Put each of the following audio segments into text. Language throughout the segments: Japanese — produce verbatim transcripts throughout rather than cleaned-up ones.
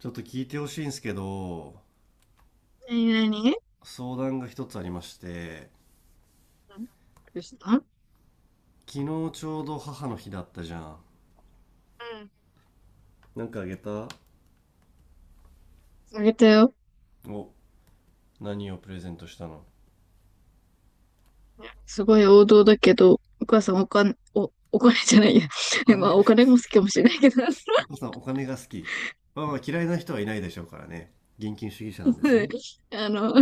ちょっと聞いてほしいんですけど、何何。相談が一つありまして、うんどうした。う昨日ちょうど母の日だったじゃん。んなんかあげた？あげたよ。お、何をプレゼントしたの？すごい王道だけど、お母さんお金、お、お金じゃないや。お まあ、金、お金も好きかもしれないけど、お母さんお金が好き。まあまあ嫌いな人はいないでしょうからね。現金主義者なんですね。あの、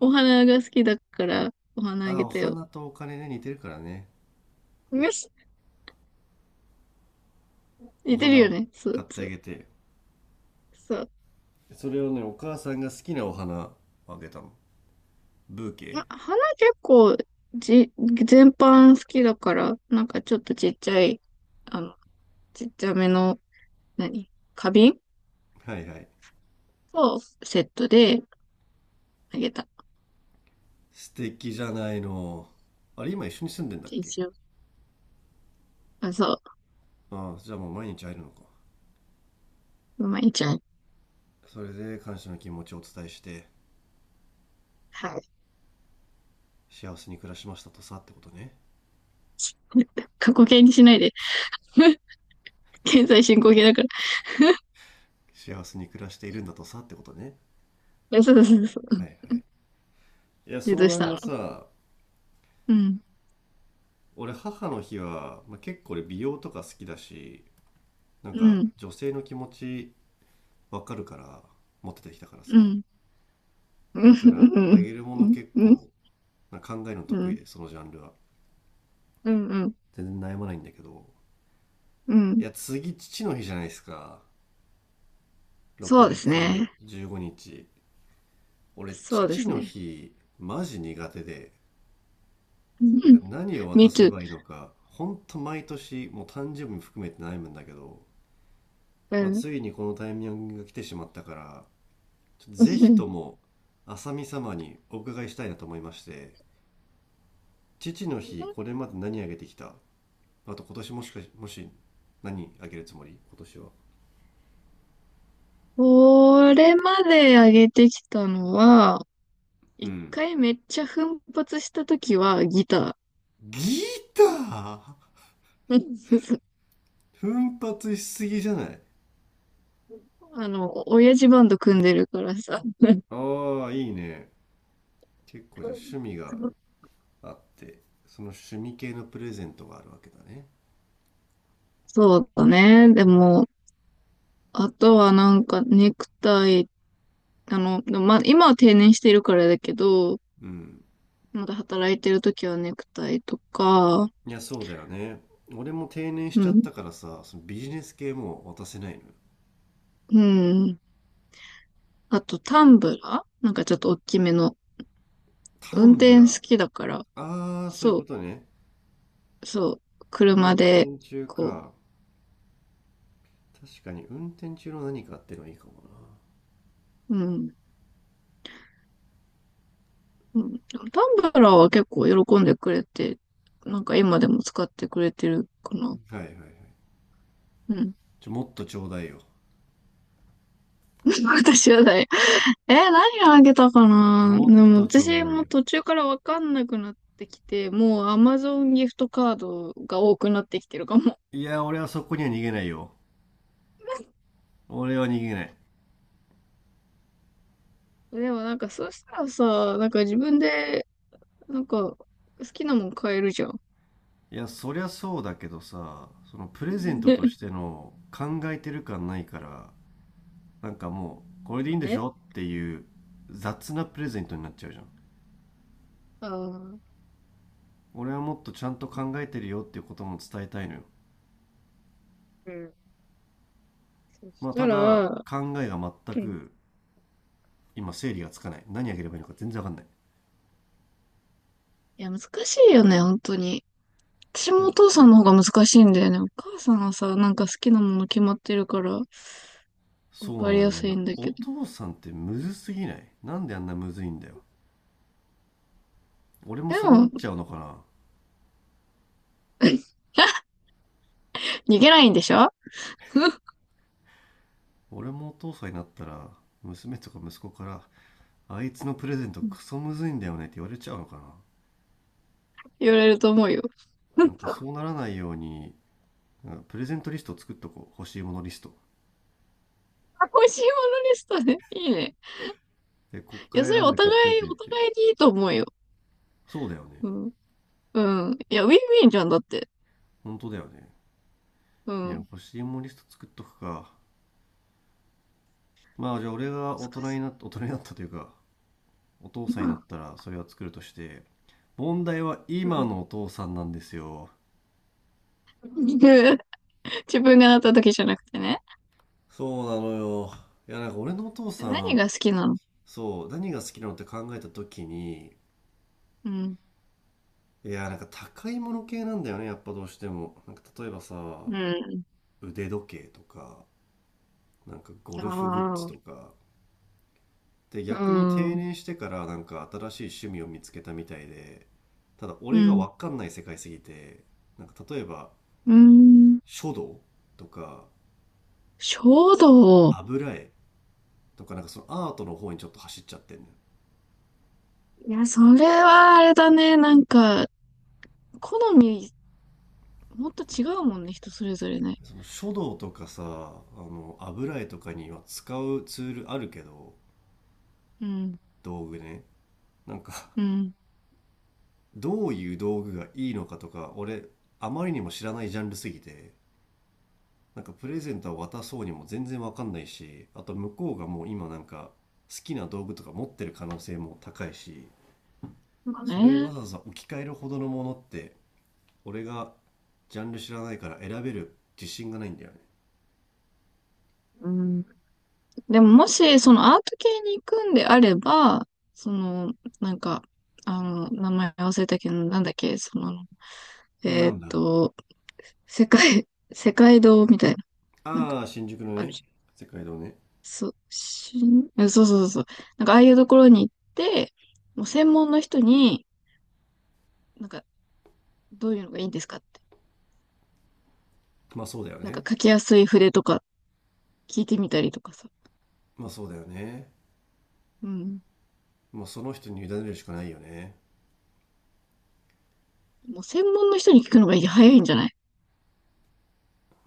お花が好きだから、お花あああ、げおたよ。花とお金ね、似てるからね。よし、お似てる花よをね。そ買うってそあう。げて。そう。それをね、お母さんが好きなお花をあげたの。ブーまケ。あ、花結構、じ、全般好きだから、なんかちょっとちっちゃい、あの、ちっちゃめの、何花瓶はいはい。をセットであげた。素敵じゃないの。あれ、今一緒に住んでんだっけ？一応。あ、そう。ああ、じゃあもう毎日会えるのか。まあいちゃん。それで感謝の気持ちをお伝えしてはい。幸せに暮らしましたとさってことね？ 過去形にしないで。現在進行形だから。幸せに暮らしているんだとさってことね？ そうそうそはいう。はい。いや、で、ど相うし談たがの。さ、うん。俺母の日は、まあ、結構俺美容とか好きだし、なんうかん。女性の気持ちわかるから、持っててきたからうさ、ん。うん。だからうあん。げるもうのん。結うん。構なんか考えるのう得意ん。でそのジャンルはうん。全然悩まないんだけど、ういん。や、次父の日じゃないですか。6そうですね。月じゅうごにち。俺そうで父すのね。日マジ苦手で、うなんかん。何を渡 Me せ too. ばいいのか、ほんと毎年、もう誕生日も含めて悩むんだけど、うまあ、ん。ついにこのタイミングが来てしまったから、ちょっとうぜひん と も、浅見様にお伺いしたいなと思いまして、父の日、これまで何あげてきた？あと今年もしかし、もし、何あげるつもり今年は。これまで上げてきたのは、う一ん。回めっちゃ奮発したときはギタギター。ー。奮発しすぎじゃない？ あの、親父バンド組んでるからさ。ああ、いいね。結構じゃあ趣味そがうあって、その趣味系のプレゼントがあるわけだね。そうだね。でも、あとはなんかネクタイ、あの、でもまあ今は定年してるからだけど、うん。まだ働いてる時はネクタイとか、いや、そうだよね。俺も定年しちうゃっん、たからさ、そのビジネス系も渡せないのよ。うん。あとタンブラーなんかちょっと大きめの。タ運ンブ転ラ好きだから、ー。ああ、そういうこそとね。う、そう、車運で、転中こか。確かに運転中の何かってのはいいかもう、うん、うん。でもタンブラーは結構喜んでくれて、なんか今でも使ってくれてるかな。な。はいはいはい。うん。ちょ、もっとちょうだいよ。私はない。え、何あげたかな。でもっもとちょう私だいもよ。途中からわかんなくなってきて、もう Amazon ギフトカードが多くなってきてるかも。いや、俺はそこには逃げないよ。俺は逃げない。でもなんかそうしたらさ、なんか自分で、なんか好きなもん買えるじゃん。いや、そりゃそうだけどさ、そのプレゼ ントとしね。ての考えてる感ないから、なんかもう、これでいそいうんでしね。ょっていう雑なプレゼントになっちゃうじゃん。あー俺はもっとちゃんと考えてるよっていうことも伝えたいのよ。うん。そましあたただ、ら、考えが全うん。く今整理がつかない。何あげればいいのか全然わかんない。いや、難しいよね、本当に。私いもや、お父さんの方が難しいんだよね。お母さんはさ、なんか好きなもの決まってるから、わそうかりなのよやすね。いんだおけど。父さんってむずすぎない？なんであんなむずいんだよ。俺もでそうなっも、ちゃうのかな？ 逃げないんでしょ。 俺もお父さんになったら、娘とか息子から、あいつのプレゼントクソむずいんだよねって言われちゃうのかな？言われると思うよ。なんか そうならないように、なんかプレゼントリストを作っとこう。欲しいものリスト。美味しいものリストね。いいね。で、こっかいや、そられ選んおで互買っといい、てっおて。互いにいいと思うよ。そうだよね。うん。うん。いや、ウィンウィンじゃん、だって。本当だよね。ういや、ん。欲しいもんリスト作っとくか。まあ、じゃあ俺が大難人にしなった大人になったというか、お父い。さんうになっんたらそれは作るとして、問題はう今ん のお父さんなんですよ。自分が当たった時じゃなくてね。そうなのよ。いや、なんか俺のお父さ何ん、が好きなの。そう、何が好きなのって考えた時に、うん。いや、なんか高いもの系なんだよね、やっぱどうしても。なんか例えばさ、うん。腕時計とか、なんかゴあルフグッズとあ。か、で、う逆に定ん。年してからなんか新しい趣味を見つけたみたいで、ただう俺がん。わかんない世界すぎて、なんか例えばうん。書道とか衝動。油絵とかなんかそのアートの方にちょっと走っちゃってんのよ。いや、それはあれだね。なんか、好み、もっと違うもんね、人それぞれね。その書道とかさ、あの油絵とかには使うツールあるけど、うん。道具ね。なんか うん。どういう道具がいいのかとか、俺あまりにも知らないジャンルすぎて、なんかプレゼントは渡そうにも全然わかんないし、あと向こうがもう今なんか好きな道具とか持ってる可能性も高いし、まあそれをわね。ざわざ置き換えるほどのものって、俺がジャンル知らないから選べる自信がないんだようん。でももし、そのアート系に行くんであれば、その、なんか、あの、名前忘れたけど、なんだっけ、その、ね。えなーっんだ。と、世界、世界堂みたいな、なんか、ああ、新宿のあるね、じゃん。世界堂ね。そ、しん、えそうそうそうそう。なんか、ああいうところに行って、もう専門の人に、なんか、どういうのがいいんですかって。まあそうだよなんか、ね。書きやすい筆とか聞いてみたりとかさ。まあそうだよね。うん。もうその人に委ねるしかないよね。もう専門の人に聞くのが早いんじゃない。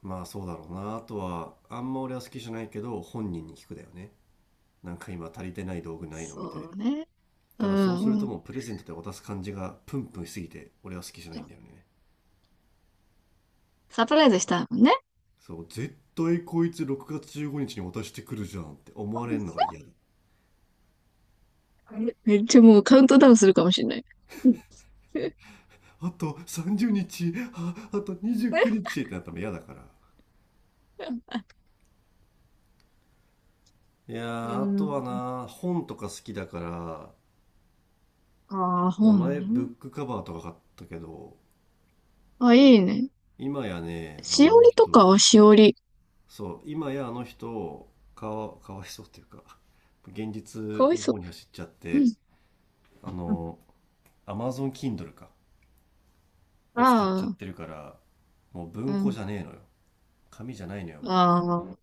まあそうだろうな。あとは、あんま俺は好きじゃないけど、本人に聞くだよね。なんか今足りてない道具ないのみたいな。そうね。うただそうするとん。もうプレゼントで渡す感じがプンプンしすぎて俺は好きじゃないんだよね。サプライズしたもんね。そう、絶対こいつろくがつじゅうごにちにちに渡してくるじゃんって思われるのが嫌 だ。めっちゃもうカウントダウンするかもしれない。あとさんじゅうにちあ、あと29 日ってなったら嫌だから、いや、うーあとはん。な本とか好きだから、ああ、まあ本前ブね。ックカバーとか買ったけど、あ、いいね。今やね、あしのあおのりとか人はしおり。そう今やあの人かわ、かわいそうっていうか現実かわいのそ方に走っちゃっう。うて、ん。あうんの Amazon Kindle かを使っちゃっあてるから、もうあ、う文庫じん。ゃねえのよ。紙じゃないのよ、もああ、な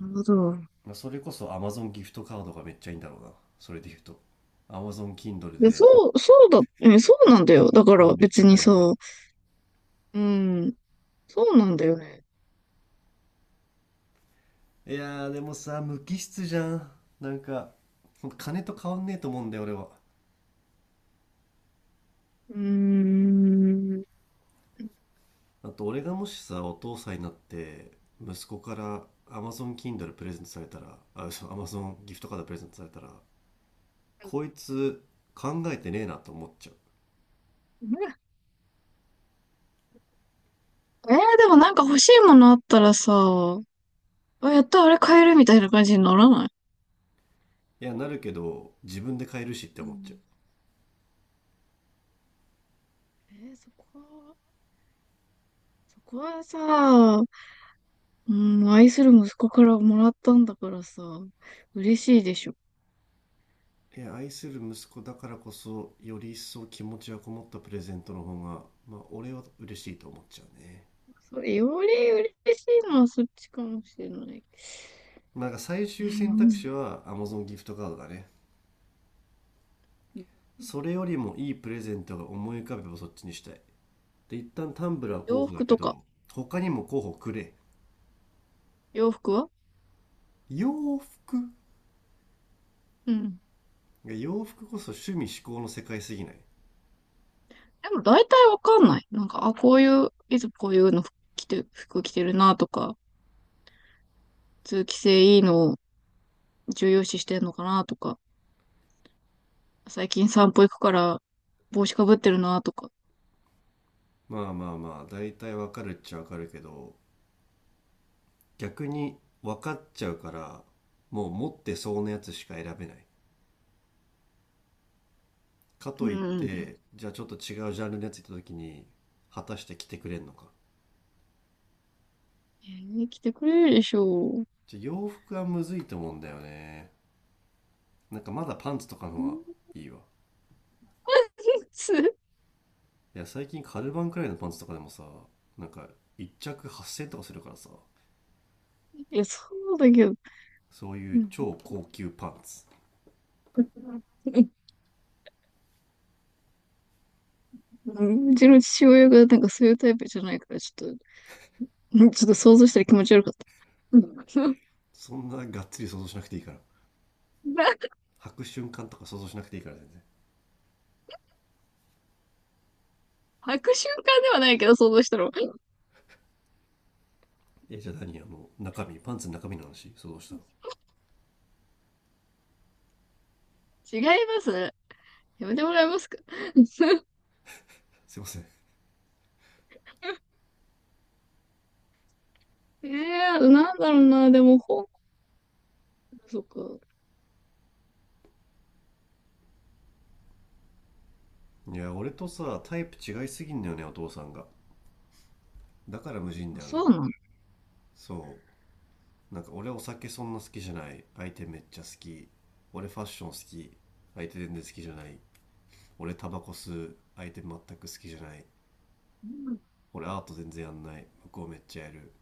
るほど。う。まあ、それこそ Amazon ギフトカードがめっちゃいいんだろうな。それで言うと。Amazon Kindle で、でそう、そうだ、え、そうなんだよ。だから本めっちゃ別に買えるさ、から。うん、そうなんだよね。いやー、でもさ、無機質じゃん。なんか、ほんと金と変わんねえと思うんだよ、俺は。うーん。あと、俺がもしさ、お父さんになって、息子から Amazon Kindle プレゼントされたら、あ、嘘、Amazon ギフトカードプレゼントされたら、こいつ考えてねえなと思っちゃう。えー、でもなんか欲しいものあったらさ、あ、やった、あれ買えるみたいな感じにならない。いや、なるけど、自分で買えるしってう思っちゃう。ん。えーそこは、そこはさ、うん、愛する息子からもらったんだからさ、嬉しいでしょ。えー愛する息子だからこそより一層気持ちがこもったプレゼントの方が、まあ、俺は嬉しいと思っちゃうね。それより嬉しいのはそっちかもしれない。なんか最う終選択ん。肢は Amazon ギフトカードだね。それよりもいいプレゼントが思い浮かべばそっちにしたい。で、一旦タンブラー候洋補だ服けとど、か、他にも候補くれ。洋服は洋服。うん。洋服こそ趣味嗜好の世界すぎない？でも大体わかんない。なんか、あ、こういう、いつもこういうの着て、服着てるなとか、通気性いいのを重要視してんのかなとか、最近散歩行くから帽子かぶってるなとか。まあまあまあ大体わかるっちゃわかるけど、逆に分かっちゃうから、もう持ってそうなやつしか選べない。かうといっん。て、じゃあちょっと違うジャンルのやつ行った時に、果たして着てくれんのか。に来てくれるでしょう。じゃあ洋服はむずいと思うんだよね。なんかまだパンツとかの方がんいいわ。いいや、最近カルバンくらいのパンツとかでもさ、なんか一着はっせんえんとかするからさ、や、そうだけど、そういううん、超高級パンツ。うんうちの父親がなんかそういうタイプじゃないから、ちょっと、ちょっと想像したら気持ち悪かった。うんそんながっつり想像しなくていいから。なんか 履く瞬間とか想像しなくていいから全然。履く瞬間ではないけど、想像したら。え、じゃあ何あの、中身、パンツの中身の話想像したの？違いますやめてもらえますか すいません。ええーなんだろうな、でも本、そっか。いや、俺とさ、タイプ違いすぎんだよね、お父さんが。だから無人あだよな。そうなの、そう、なんか俺お酒そんな好きじゃない、相手めっちゃ好き、俺ファッション好き、相手全然好きじゃない、俺タバコ吸う、相手全く好きじゃない、俺アート全然やんない、向こうめっちゃやる、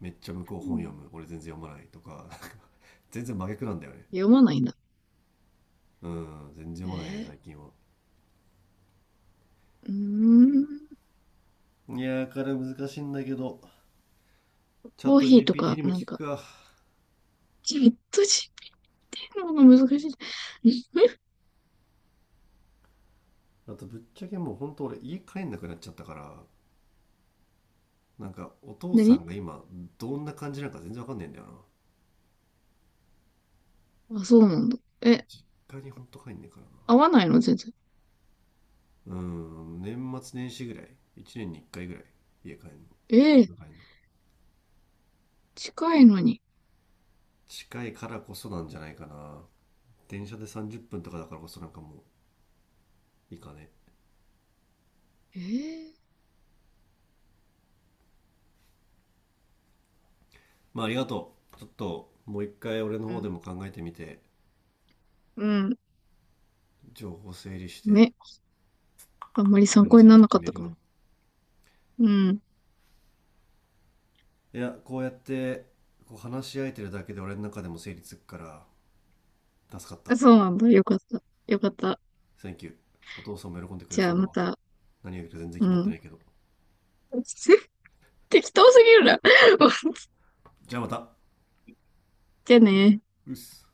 めっちゃ向こうう本読んむ、俺全然読まないとか、なんか 全然真逆なんだよね。読まないんだ。うん、全然読まないねえ最近は。ー、うーん。いやーから難しいんだけど、チャッコート ヒーと ジーピーティー か、にもなん聞か、くか。じっとじてるのが難しい。んあとぶっちゃけもうほんと俺家帰んなくなっちゃったから、なんかお父さ何んが今どんな感じなのか全然わかんないんだよな。あ、そうなんだ。え、回にほんと帰んねえか合わないの全然。らな。うん、年末年始ぐらい、いちねんにいっかいぐらい家帰んの、え実え家帰んの、近いのに。近いからこそなんじゃないかな。電車でさんじゅっぷんとかだからこそなんかもういいかね。ええまあありがとう。ちょっともう一回俺のう方でん。も考えてみて、うん。情報整理してね。あんまりプ参レ考にゼンならトなか決っめたるかわ。も。うん。いや、こうやってこう話し合えてるだけで俺の中でも整理つくから助かった。 あ、そうなんだ。よかった。よかった。t ンキュー。お父さんも喜んでくれじゃそあうだまわ。た。何がいるか全然う決まってなん。いけど、 適当すぎるな。じゃあまた。じゃあね。うっす。